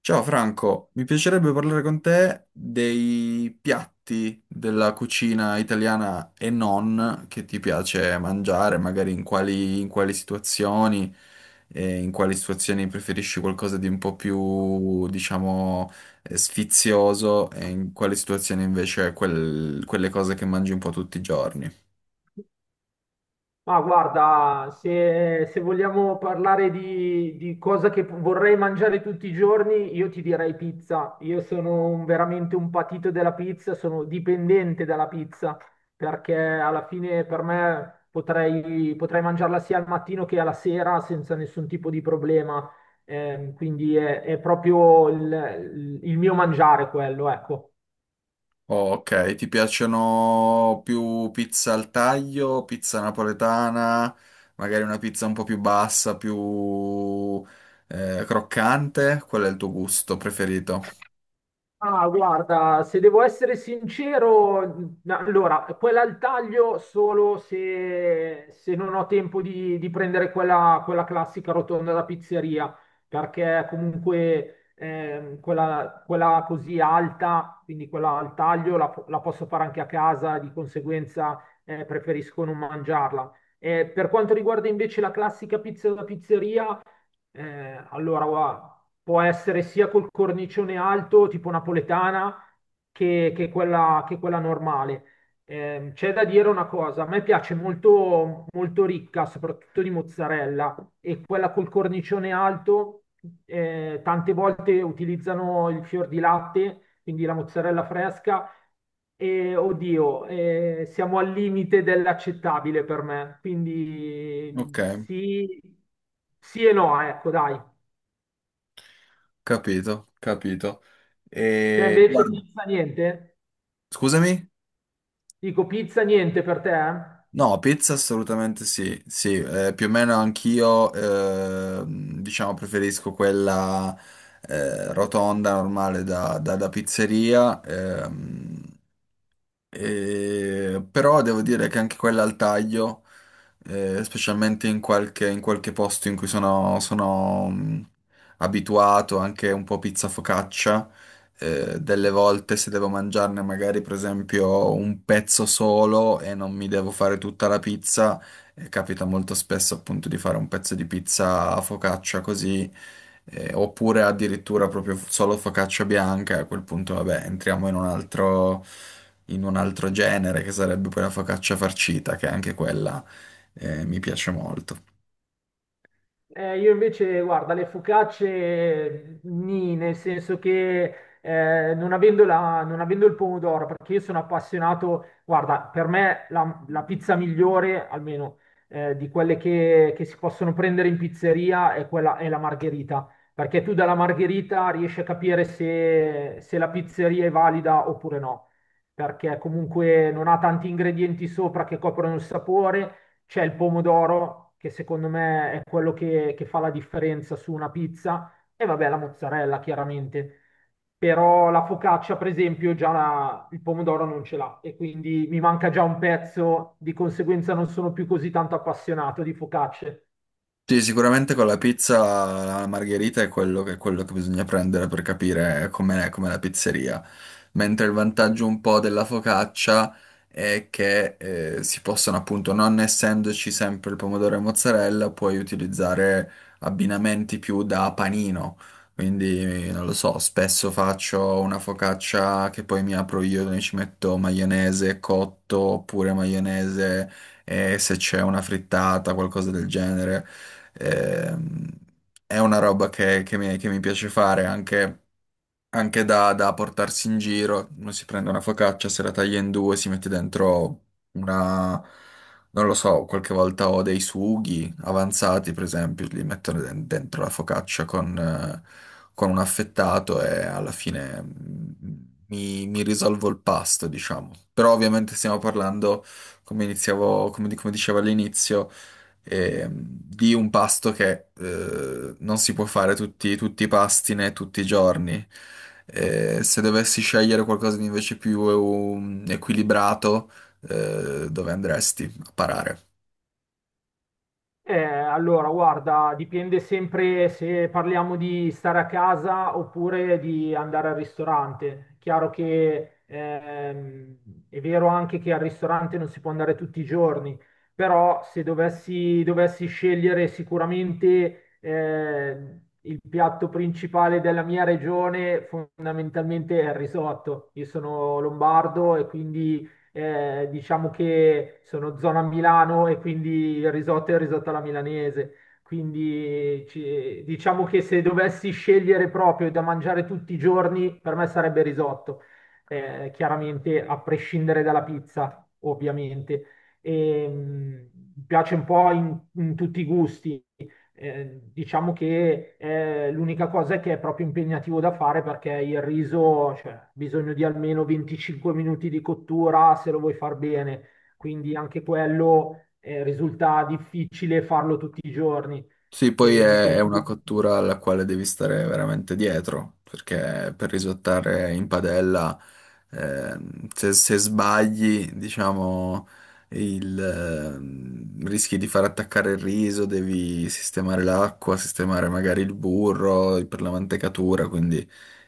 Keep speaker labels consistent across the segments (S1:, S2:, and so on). S1: Ciao Franco, mi piacerebbe parlare con te dei piatti della cucina italiana e non che ti piace mangiare, magari in quali situazioni, e in quali situazioni preferisci qualcosa di un po' più, diciamo, sfizioso e in quali situazioni invece quelle cose che mangi un po' tutti i giorni.
S2: Ma guarda, se vogliamo parlare di cosa che vorrei mangiare tutti i giorni, io ti direi pizza. Io sono veramente un patito della pizza, sono dipendente dalla pizza, perché alla fine per me potrei mangiarla sia al mattino che alla sera senza nessun tipo di problema. Quindi è proprio il mio mangiare quello, ecco.
S1: Ok, ti piacciono più pizza al taglio, pizza napoletana, magari una pizza un po' più bassa, più croccante? Qual è il tuo gusto preferito?
S2: Ah, guarda, se devo essere sincero, allora, quella al taglio solo se non ho tempo di prendere quella classica rotonda da pizzeria, perché comunque quella così alta, quindi quella al taglio, la posso fare anche a casa, di conseguenza preferisco non mangiarla. Per quanto riguarda invece la classica pizza da pizzeria, guarda, può essere sia col cornicione alto, tipo napoletana, che quella normale. C'è da dire una cosa: a me piace molto, molto ricca, soprattutto di mozzarella, e quella col cornicione alto, tante volte utilizzano il fior di latte, quindi la mozzarella fresca, e oddio, siamo al limite dell'accettabile per me,
S1: Ok,
S2: quindi sì, sì e no, ecco, dai.
S1: capito, capito.
S2: Te
S1: E
S2: invece
S1: guarda,
S2: pizza niente?
S1: scusami?
S2: Dico pizza niente per te? Eh?
S1: No, pizza assolutamente sì, sì, più o meno anch'io, diciamo, preferisco quella rotonda normale da, da pizzeria. E- però devo dire che anche quella al taglio, specialmente in qualche posto in cui sono abituato, anche un po' pizza focaccia, delle volte se devo mangiarne magari per esempio un pezzo solo e non mi devo fare tutta la pizza, capita molto spesso appunto di fare un pezzo di pizza a focaccia così. Oppure addirittura proprio solo focaccia bianca, e a quel punto vabbè, entriamo in un altro genere che sarebbe poi la focaccia farcita, che anche quella mi piace molto.
S2: Io invece, guarda, le focacce mm, nì, nel senso che non avendo il pomodoro, perché io sono appassionato, guarda, per me la pizza migliore, almeno di che si possono prendere in pizzeria, è è la margherita, perché tu dalla margherita riesci a capire se la pizzeria è valida oppure no, perché comunque non ha tanti ingredienti sopra che coprono il sapore. C'è il pomodoro, che secondo me è che fa la differenza su una pizza, e vabbè la mozzarella, chiaramente. Però la focaccia, per esempio, già il pomodoro non ce l'ha e quindi mi manca già un pezzo, di conseguenza non sono più così tanto appassionato di focacce.
S1: Sì, sicuramente con la pizza la margherita è quello che bisogna prendere per capire com'è com'è la pizzeria. Mentre il vantaggio un po' della focaccia è che si possono appunto, non essendoci sempre il pomodoro e mozzarella, puoi utilizzare abbinamenti più da panino. Quindi non lo so, spesso faccio una focaccia che poi mi apro io, dove ci metto maionese cotto oppure maionese e se c'è una frittata, qualcosa del genere. Ehm, è una roba che, che mi piace fare anche, anche da, da portarsi in giro. Uno si prende una focaccia, se la taglia in due, si mette dentro una, non lo so, qualche volta ho dei sughi avanzati, per esempio, li metto dentro la focaccia con un affettato e alla fine mi risolvo il pasto, diciamo. Però ovviamente stiamo parlando, come iniziavo, come come dicevo all'inizio, ehm, di un pasto che non si può fare tutti i pasti né tutti i giorni. Se dovessi scegliere qualcosa di invece più equilibrato, dove andresti a parare?
S2: Allora, guarda, dipende sempre se parliamo di stare a casa oppure di andare al ristorante. Chiaro che è vero anche che al ristorante non si può andare tutti i giorni, però se dovessi scegliere sicuramente il piatto principale della mia regione, fondamentalmente è il risotto. Io sono lombardo e quindi diciamo che sono zona Milano e quindi il risotto è il risotto alla milanese. Quindi diciamo che se dovessi scegliere proprio da mangiare tutti i giorni, per me sarebbe risotto. Chiaramente a prescindere dalla pizza, ovviamente. E, mm, mi piace un po' in tutti i gusti. Diciamo che l'unica cosa è che è proprio impegnativo da fare perché il riso, cioè, ha bisogno di almeno 25 minuti di cottura se lo vuoi far bene, quindi anche quello risulta difficile farlo tutti i giorni
S1: Sì, poi
S2: e di
S1: è una
S2: conseguenza...
S1: cottura alla quale devi stare veramente dietro, perché per risottare in padella. Eh, se, se sbagli, diciamo, rischi di far attaccare il riso, devi sistemare l'acqua, sistemare magari il burro per la mantecatura, quindi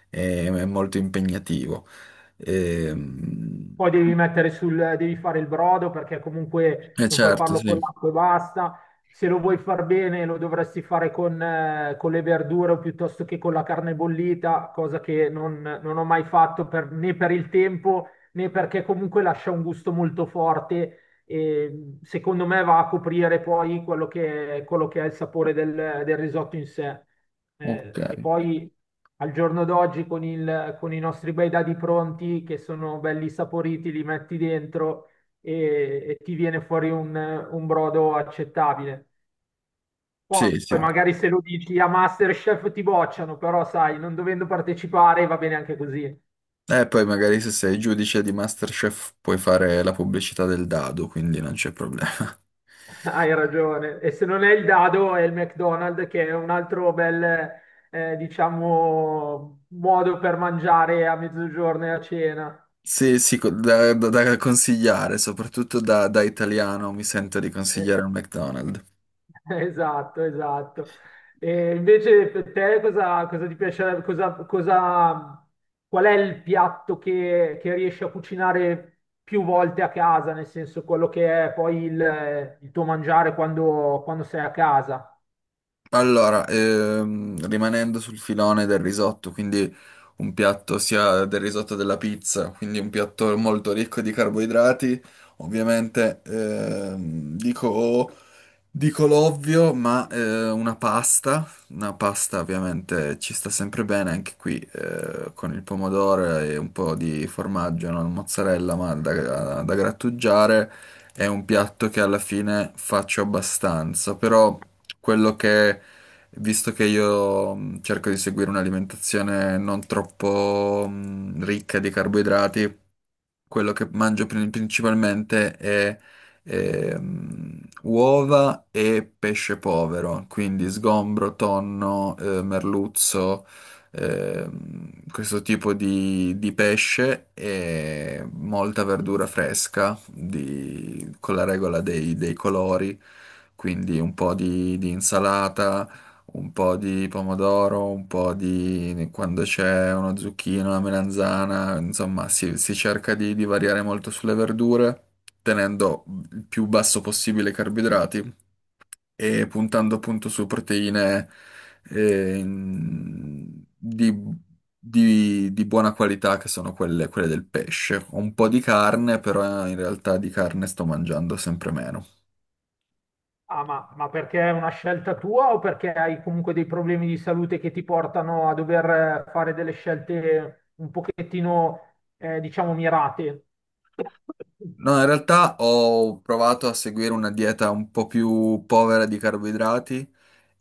S1: è molto impegnativo. Ehm,
S2: Poi devi mettere sul, devi fare il brodo perché comunque
S1: E,
S2: non puoi
S1: certo,
S2: farlo
S1: sì.
S2: con l'acqua e basta. Se lo vuoi far bene lo dovresti fare con le verdure o piuttosto che con la carne bollita, cosa che non ho mai fatto né per il tempo né perché comunque lascia un gusto molto forte e secondo me va a coprire poi quello che è il sapore del risotto in sé.
S1: Ok.
S2: E poi al giorno d'oggi con i nostri bei dadi pronti che sono belli saporiti, li metti dentro e ti viene fuori un brodo accettabile. Poi
S1: Sì, sì.
S2: magari se lo dici a MasterChef ti bocciano, però sai, non dovendo partecipare va bene anche così.
S1: E poi magari se sei giudice di MasterChef puoi fare la pubblicità del dado, quindi non c'è problema.
S2: Hai ragione. E se non è il dado, è il McDonald's, che è un altro bel, diciamo, modo per mangiare a mezzogiorno e a cena.
S1: Sì, sì, da, da consigliare, soprattutto da, da italiano mi sento di consigliare
S2: Eh,
S1: un McDonald's.
S2: esatto, esatto. E invece per te cosa ti piacerebbe, qual è il piatto che riesci a cucinare più volte a casa, nel senso quello che è poi il tuo mangiare quando, quando sei a casa?
S1: Allora, rimanendo sul filone del risotto, quindi un piatto sia del risotto della pizza, quindi un piatto molto ricco di carboidrati, ovviamente ehm, Dico l'ovvio, ma una pasta ovviamente ci sta sempre bene anche qui con il pomodoro e un po' di formaggio, non mozzarella, ma da, da grattugiare. È un piatto che alla fine faccio abbastanza, però quello che, visto che io cerco di seguire un'alimentazione non troppo ricca di carboidrati, quello che mangio principalmente è uova e pesce povero, quindi sgombro, tonno, merluzzo, questo tipo di pesce e molta verdura fresca con la regola dei, dei colori, quindi un po' di insalata, un po' di pomodoro, un po' di quando c'è una zucchina, una melanzana, insomma, si cerca di variare molto sulle verdure, tenendo il più basso possibile i carboidrati e puntando appunto su proteine eh, in- di, di buona qualità che sono quelle, quelle del pesce. Un po' di carne, però in realtà di carne sto mangiando sempre meno.
S2: Ah, ma perché è una scelta tua o perché hai comunque dei problemi di salute che ti portano a dover fare delle scelte un pochettino, diciamo, mirate?
S1: No, in realtà ho provato a seguire una dieta un po' più povera di carboidrati,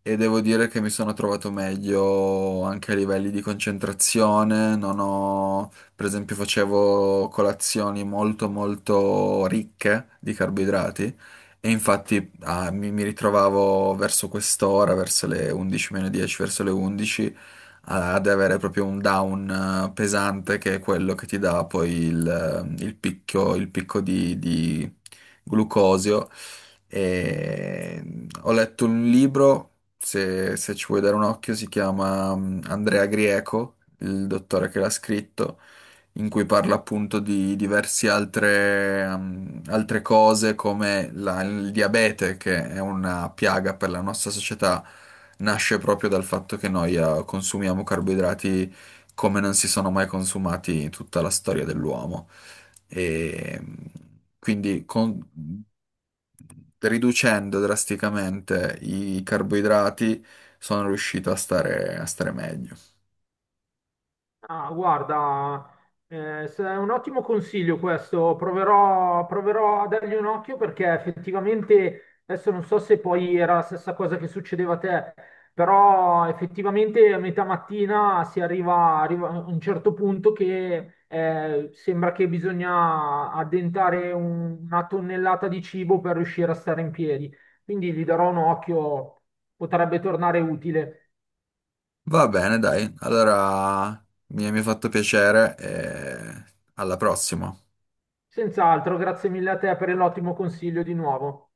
S1: e devo dire che mi sono trovato meglio anche a livelli di concentrazione. Non ho, per esempio, facevo colazioni molto molto ricche di carboidrati e infatti ah, mi ritrovavo verso quest'ora, verso le 11 meno 10, verso le 11, ad avere proprio un down pesante che è quello che ti dà poi il picco di glucosio. E ho letto un libro, se, se ci vuoi dare un occhio, si chiama Andrea Grieco, il dottore che l'ha scritto, in cui parla appunto di diverse altre, altre cose come il diabete, che è una piaga per la nostra società, nasce proprio dal fatto che noi consumiamo carboidrati come non si sono mai consumati in tutta la storia dell'uomo. E quindi riducendo drasticamente i carboidrati, sono riuscito a stare meglio.
S2: Ah, guarda, se è un ottimo consiglio questo, proverò a dargli un occhio perché effettivamente, adesso non so se poi era la stessa cosa che succedeva a te, però effettivamente a metà mattina si arriva, arriva a un certo punto che sembra che bisogna addentare una tonnellata di cibo per riuscire a stare in piedi, quindi gli darò un occhio, potrebbe tornare utile.
S1: Va bene, dai. Allora mi ha fatto piacere e alla prossima.
S2: Senz'altro, grazie mille a te per l'ottimo consiglio di nuovo.